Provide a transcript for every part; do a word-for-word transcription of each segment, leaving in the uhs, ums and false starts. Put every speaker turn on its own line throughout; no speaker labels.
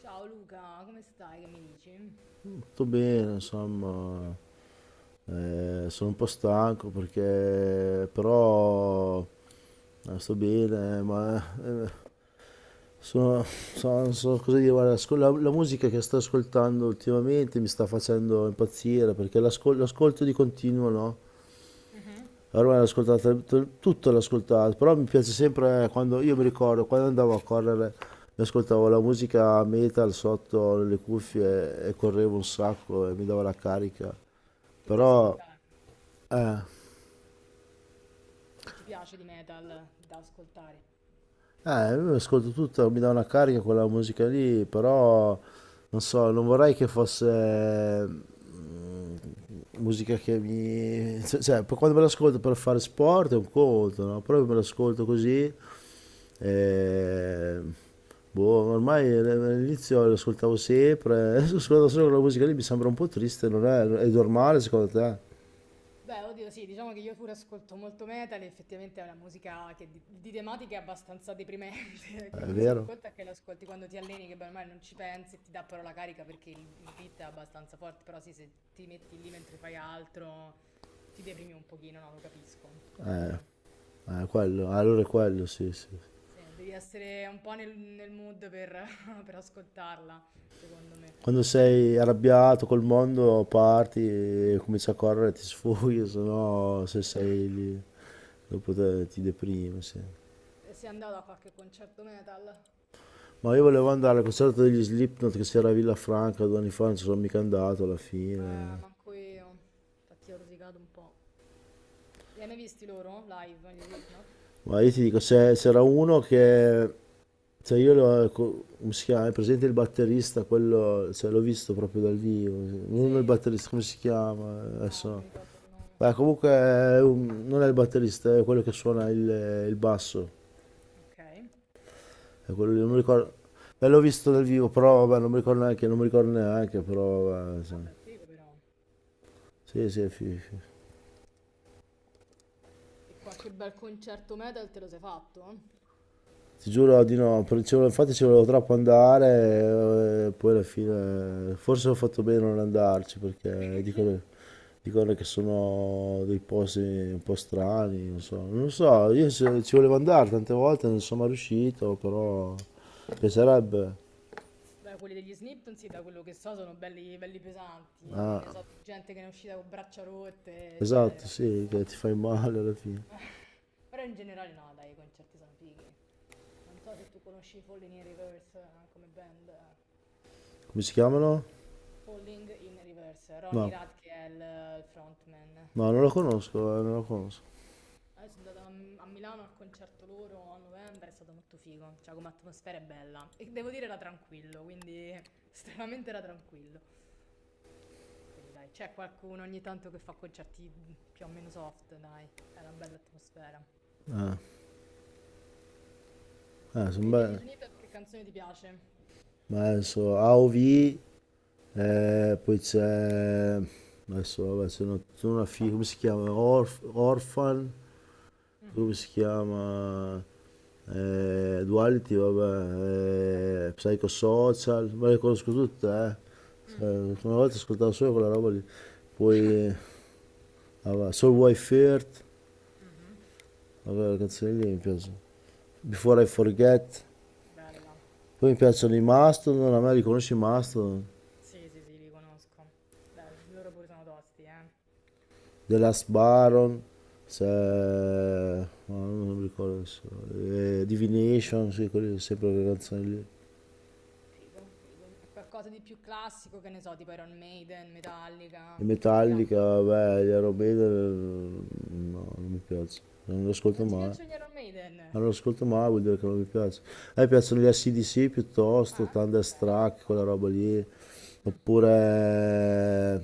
Ciao Luca, come stai? Che mi dici?
Tutto bene, insomma, eh, sono un po' stanco perché però eh, sto bene, eh, ma eh, sono, so- non so cosa dire, guarda, ascol- la, la musica che sto ascoltando ultimamente mi sta facendo impazzire perché l'ascol- l'ascolto di continuo, no?
Mhm,
Ormai l'ho ascoltata, t- tutto l'ho ascoltato, però mi piace sempre eh, quando, io mi ricordo, quando andavo a correre, mi ascoltavo la musica metal sotto le
mhm.
cuffie e correvo un sacco e mi dava la carica.
Che ti
Però
ascolta,
Eh,
che ti piace di metal da ascoltare?
eh, io ascolto tutto, mi dà una carica quella musica lì, però non so, non vorrei che fosse mm, musica che mi... cioè, cioè, poi quando me l'ascolto per fare sport è un conto, no? Però io me l'ascolto così, eh, boh, ormai all'inizio l'ascoltavo sempre, adesso ascolto solo quella musica lì, mi sembra un po' triste, non è, è normale secondo te?
Beh, oddio, sì, diciamo che io pure ascolto molto metal e effettivamente è una musica che di, di tematica è abbastanza deprimente,
Eh, È
quindi sì, un
vero?
conto è che l'ascolti quando ti alleni, che beh, ormai non ci pensi e ti dà però la carica perché il, il beat è abbastanza forte, però sì, se ti metti lì mentre fai altro ti deprimi un pochino, no, lo capisco, è vero.
Eh, quello, allora è quello, sì, sì.
Sì, devi essere un po' nel, nel mood per per ascoltarla, secondo me.
Quando sei arrabbiato col mondo parti e cominci a correre, ti sfoghi, se no se sei
Esatto.
lì dopo te- ti deprimi, sì.
E sei andato a qualche concerto metal?
Ma io volevo andare al concerto degli Slipknot che si era a Villafranca due anni fa, non ci sono mica andato alla
Eh,
fine.
manco io. Infatti ho rosicato un po'. Li hai mai visti loro live, gli Slipknot?
Ma io ti dico, c'è- c'era uno che... Cioè io l'ho... co- come si chiama? È presente il batterista, quello... Cioè l'ho visto proprio dal vivo.
Sì.
Non il batterista, come si chiama?
Ah,
Adesso...
non
no.
mi ricordo il nome.
Beh, comunque è un- non è il batterista, è quello che suona il il basso.
Ok.
E quello lì non
L'hai
mi
visti?
ricordo. Beh, l'ho visto dal vivo, però vabbè, non mi ricordo neanche, non mi ricordo neanche, però vabbè, insomma.
Vabbè, figo però.
Sì, sì. fi- fi-
E qualche bel concerto metal te lo sei fatto?
Ti giuro di no, per- ci volevo- infatti ci volevo troppo andare e poi alla
No, peccato.
fine forse ho fatto bene a non andarci perché
Perché?
dicono, dicono che sono dei posti un po' strani, non so, non so, io se- ci volevo andare tante volte, non sono mai riuscito,
Mm.
però mi piacerebbe.
Beh, quelli degli Snip, sì, da quello che so, sono belli, belli pesanti. Ne
Ah,
so di gente che ne è uscita con braccia rotte,
esatto,
eccetera.
sì, che ti fai male alla fine.
Però in generale no, dai, i concerti sono fighi. Non so se tu conosci Falling in Reverse eh, come band.
Come si chiamano?
Falling in Reverse, Ronny
No,
Rad che è il, il frontman.
No, non lo conosco, eh, non lo conosco.
Eh, sono andata a, a Milano al concerto loro a novembre, è stato molto figo, cioè come atmosfera è bella. E devo dire era tranquillo, quindi estremamente era tranquillo. Quindi dai, c'è qualcuno ogni tanto che fa concerti più o meno soft, dai, è una bella atmosfera.
Ah, ah, sono
E degli
belle.
Snippet che canzone ti piace?
Ma adesso A O V,
Mm.
eh, poi c'è... Adesso, vabbè, c'è una, c'è una fi- come si chiama? Orf- Orphan, come
Mhm.
si chiama? Eh, Duality,
Quali ti-
vabbè, eh, Psychosocial, ma le conosco tutte, eh.
Mm,
Cioè, una volta ascoltavo solo quella roba lì. Poi, eh, vabbè, Soul Wife Earth,
mhm.
vabbè, le canzoni lì mi piacciono. Before I Forget,
Bella.
poi mi piacciono i Mastodon, a me riconosci i Mastodon,
Sì, sì, sì, li conosco. Beh, loro pure sono tosti, eh.
The Last Baron, c'è...
Mm.
ma non mi ricordo adesso, eh, Divination, sì, quelle sempre le canzoni lì. E
Figo, figo. E qualcosa di più classico, che ne so, tipo Iron Maiden, Metallica. Ti piacciono?
Metallica, vabbè, gli Aerobeda, no, non mi piace, non lo ascolto
Non ti
mai.
piacciono gli Iron Maiden?
Non lo ascolto mai, vuol dire che non mi piace. A me piacciono gli A C/D C piuttosto,
Ah, ok, ci
Thunderstruck,
sta.
quella roba lì.
Mm.
Oppure,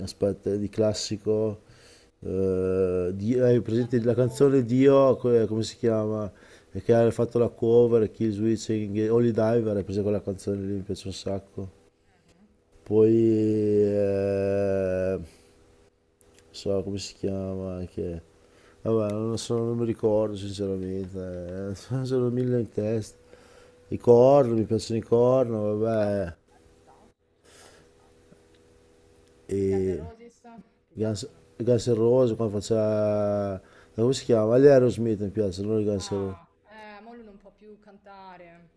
aspetta, di classico, eh, di- hai
I Guns
presente
N'
la canzone
Roses.
Dio, que- come si chiama? E che ha fatto la cover, Kill Switching, Holy Diver, hai preso quella canzone lì, mi piace un sacco.
Mhm.
Poi... eh, so come si chiama anche, vabbè non, lo so, non mi ricordo sinceramente, eh. Sono mille in testa, i
Vabbè, sì,
corno,
c'è
mi piacciono i
sicuramente da...
corno,
I Corner,
vabbè,
sì, dai, ci sta, ci sta, ci sta. I Guns N'
e
Roses, ti
Guns,
piacciono?
Guns N' Roses quando faceva, come si chiama? Gli Aerosmith mi piacciono, non i Guns N' Roses,
Ah, eh, mo lui non può più cantare.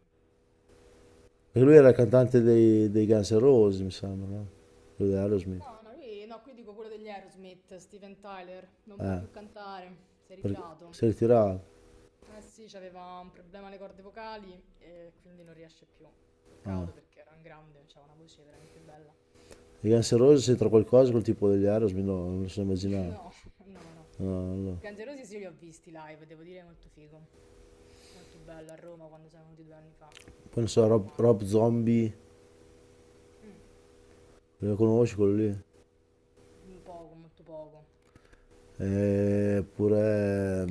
perché lui era
Lo
il
so.
cantante dei, dei Guns N' Roses, mi sembra, no? Quello di Aerosmith,
No, no, lui, no, qui dico quello degli Aerosmith, Steven Tyler, non può
eh
più cantare, si è
perché
ritirato.
si è ritirato,
Eh sì, c'aveva un problema alle corde vocali e quindi non riesce più.
ah.
Peccato perché era un grande, aveva una voce veramente bella.
I Guns N' Roses c'entra qualcosa col tipo degli Aerosmith? No, non lo so, immaginavo.
No, no, no.
No, no.
Guns N' Roses io li ho visti live, devo dire, molto figo. Molto bello, a Roma quando sono venuti due anni fa,
Poi non
al
so,
Circo
Rob, Rob
Massimo.
Zombie, lo conosci quello lì?
Mm, poco, molto poco.
Eh, Oppure,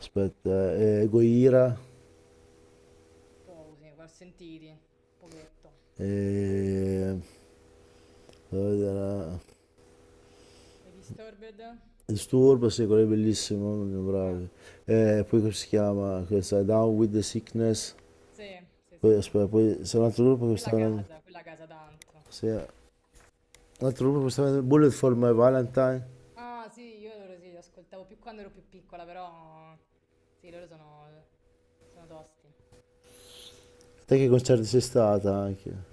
aspetta, eh, Goira,
Poco, sì, li ho sentiti, pochetto.
eh, fammi vedere,
E Disturbed?
Disturb, sì, quello è bellissimo, sono
Ah,
bravi. Eh, poi
allora,
come si chiama? Questa, Down with the Sickness.
sì, sì, sì,
Poi,
sì.
aspetta, poi c'è un altro gruppo che
Quella
stava venendo,
casa, quella casa tanto.
sì, un altro gruppo che stava venendo, Bullet for My Valentine.
Ah, sì, io loro sì, li ascoltavo più quando ero più piccola, però sì, loro sono, sono tosti.
Te che concerti sei stata anche?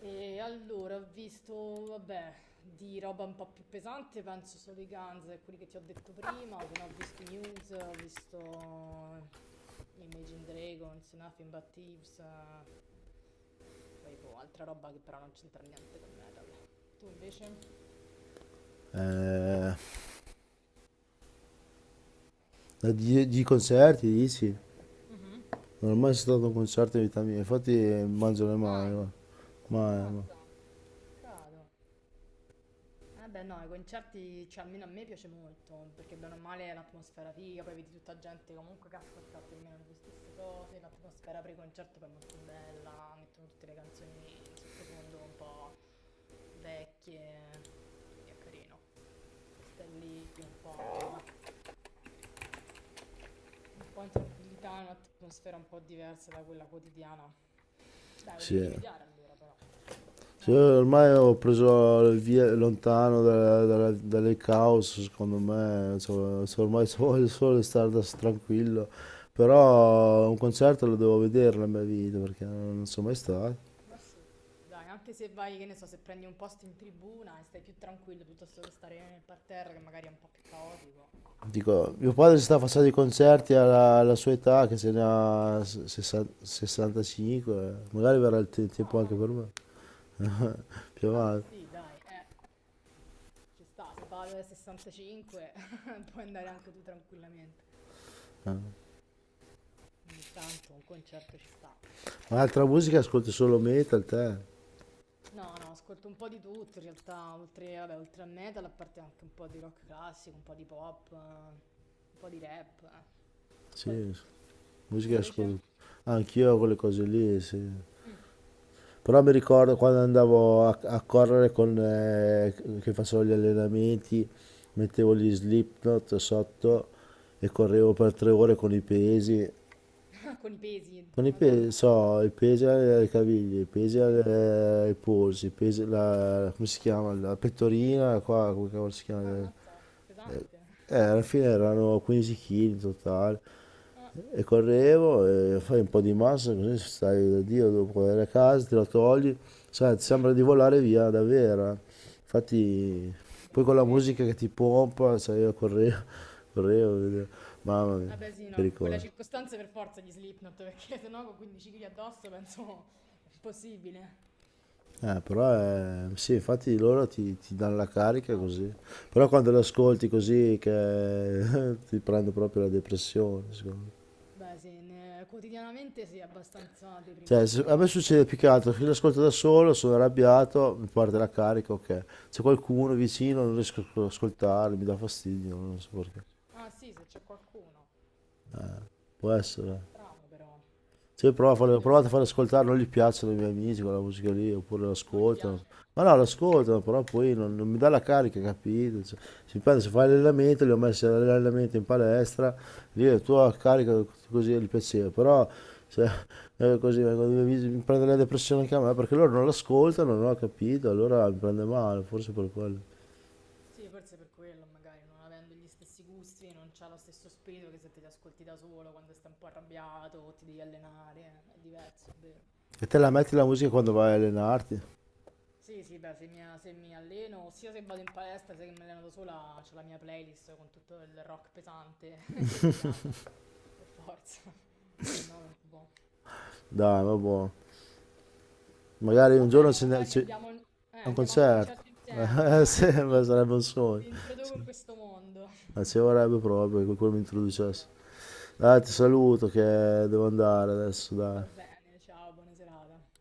E allora ho visto, vabbè, di roba un po' più pesante, penso solo i Guns e quelli che ti ho detto prima, se no ho visto i Muse, ho visto Imagine Dragons, Nothing But Thieves, eh, poi boh, altra roba che però non c'entra niente con metal. Tu invece?
Eh, di, di concerti dici?
Mhm.
Non ho mai stato a un concerto in vita mia, infatti eh, mangio le mani,
Mai.
guarda. ma, ma,
Ammazza. Peccato. Eh beh no, i concerti, cioè almeno a me piace molto, perché bene o male è l'atmosfera figa, poi vedi tutta gente comunque che ascolta più o meno le stesse cose, l'atmosfera pre-concerto poi è molto bella, mettono tutte le canzoni in sottofondo un po' vecchie, quindi è carino. Stai lì un po', un po' in tranquillità, in un'atmosfera un po' diversa da quella quotidiana. Dai, lo devi
Sì.
rimediare allora però.
Sì,
Eh.
ormai ho preso il via lontano da- dalla- dalle caos, secondo me, so- so- ormai so-
Mm.
voglio solo stare da- tranquillo, però un concerto lo devo vedere nella mia vita, perché non non sono mai stato.
Ma sì, dai, anche se vai, che ne so, se prendi un posto in tribuna e stai più tranquillo piuttosto che stare nel parterre, che magari è un po' più caotico,
Dico,
il
mio padre si sta
concertino.
facendo i concerti alla, alla sua età, che se ne ha s- sessa- sessantacinque, magari verrà il te-
No,
tempo
ma
anche per me, più
vabbè,
avanti.
sì, dai, eh, ci sta, se va alle sessantacinque puoi andare anche tu tranquillamente.
eh.
Ogni tanto un concerto ci sta.
Ma altra musica ascolti, solo metal te?
No, no, ascolto un po' di tutto, in realtà, oltre, vabbè, oltre al metal, a parte anche un po' di rock classico, un po' di pop, eh, un po' di rap, eh, un po' di
Sì,
tutto. Tu
musica
invece?
ascolto. Anch'io quelle cose lì, sì.
Mm.
Però mi ricordo quando andavo a, a correre con, eh, che facevo gli allenamenti, mettevo gli Slipknot
Mm.
sotto e correvo per tre ore con i pesi,
Con i pesi,
con i pesi,
Madonna.
so, i pesi alle caviglie, i pesi
Sì, sì.
alle- ai polsi, i pesi, la, come si chiama, la pettorina, qua, come cavolo si chiama?
Ammazza,
Eh,
pesante.
eh, Alla fine erano quindici chili in totale
Ah,
e correvo, e fai un po' di massa, così stai da Dio, dopo andare a casa te la togli, sai, ti sembra di volare via davvero. eh. Infatti
beh,
poi con
ti
la
credo.
musica che ti pompa, sai, io correvo, correvo, vedevo. Mamma mia,
Vabbè, sì,
che
no, in quella
ricordo.
circostanza per forza gli Slipknot, perché sennò con quindici chili addosso penso è impossibile.
Eh, però è- sì, infatti loro ti, ti danno la carica così.
Orgasmo.
Però quando lo ascolti così che ti prende proprio la depressione, secondo me.
Beh, sì, ne- quotidianamente sì, è abbastanza
Cioè, se-
deprimente,
a
però
me
che
succede più
parliamo
che
da
altro che l'ascolto da solo, sono arrabbiato, mi parte la carica, ok. C'è qualcuno vicino, non riesco a ascoltarlo, mi dà fastidio, non so perché.
Ah, sì, se c'è qualcuno.
Può
No, è
essere.
strano però.
Sì, prova a farlo-
Forse
provate a
perché
far ascoltare, non gli piacciono i miei amici quella musica lì, oppure
non gli
l'ascoltano.
piace.
Ma no, l'ascoltano, però poi non, non mi dà la carica, capito? Cioè, si prende, se fai l'allenamento, li ho messi all'allenamento in palestra, lì la tua carica, così gli piaceva, però se, eh, così vengono i miei amici, mi prende la depressione anche a me, perché loro non l'ascoltano, non ho capito, allora mi prende male, forse per quello.
Sì, forse per quello, magari non avendo gli stessi gusti, non c'ha lo stesso spirito che se te li ascolti da solo quando stai un po' arrabbiato o ti devi allenare, eh, è diverso, è vero.
E te la metti la musica quando vai a allenarti?
Sì, sì, beh, se mi, se mi alleno, sia se vado in palestra, sia che mi alleno da sola, c'ho la mia playlist con tutto il rock pesante che mi cata, per forza, se no non si può.
Dai, ma buono. Magari
Va
un giorno
bene,
ce ne-
magari
ci, è
andiamo, eh,
un
andiamo a un
concerto,
concerto insieme,
eh,
eh,
sì,
così
ma sarebbe un sogno,
ti introduco
sì.
in questo mondo.
Eh, ci vorrebbe proprio che qualcuno mi
Eh sì,
introducesse.
eh, ci
Dai, ti
vorrebbe.
saluto che devo andare adesso, dai.
Va bene, ciao, buona serata.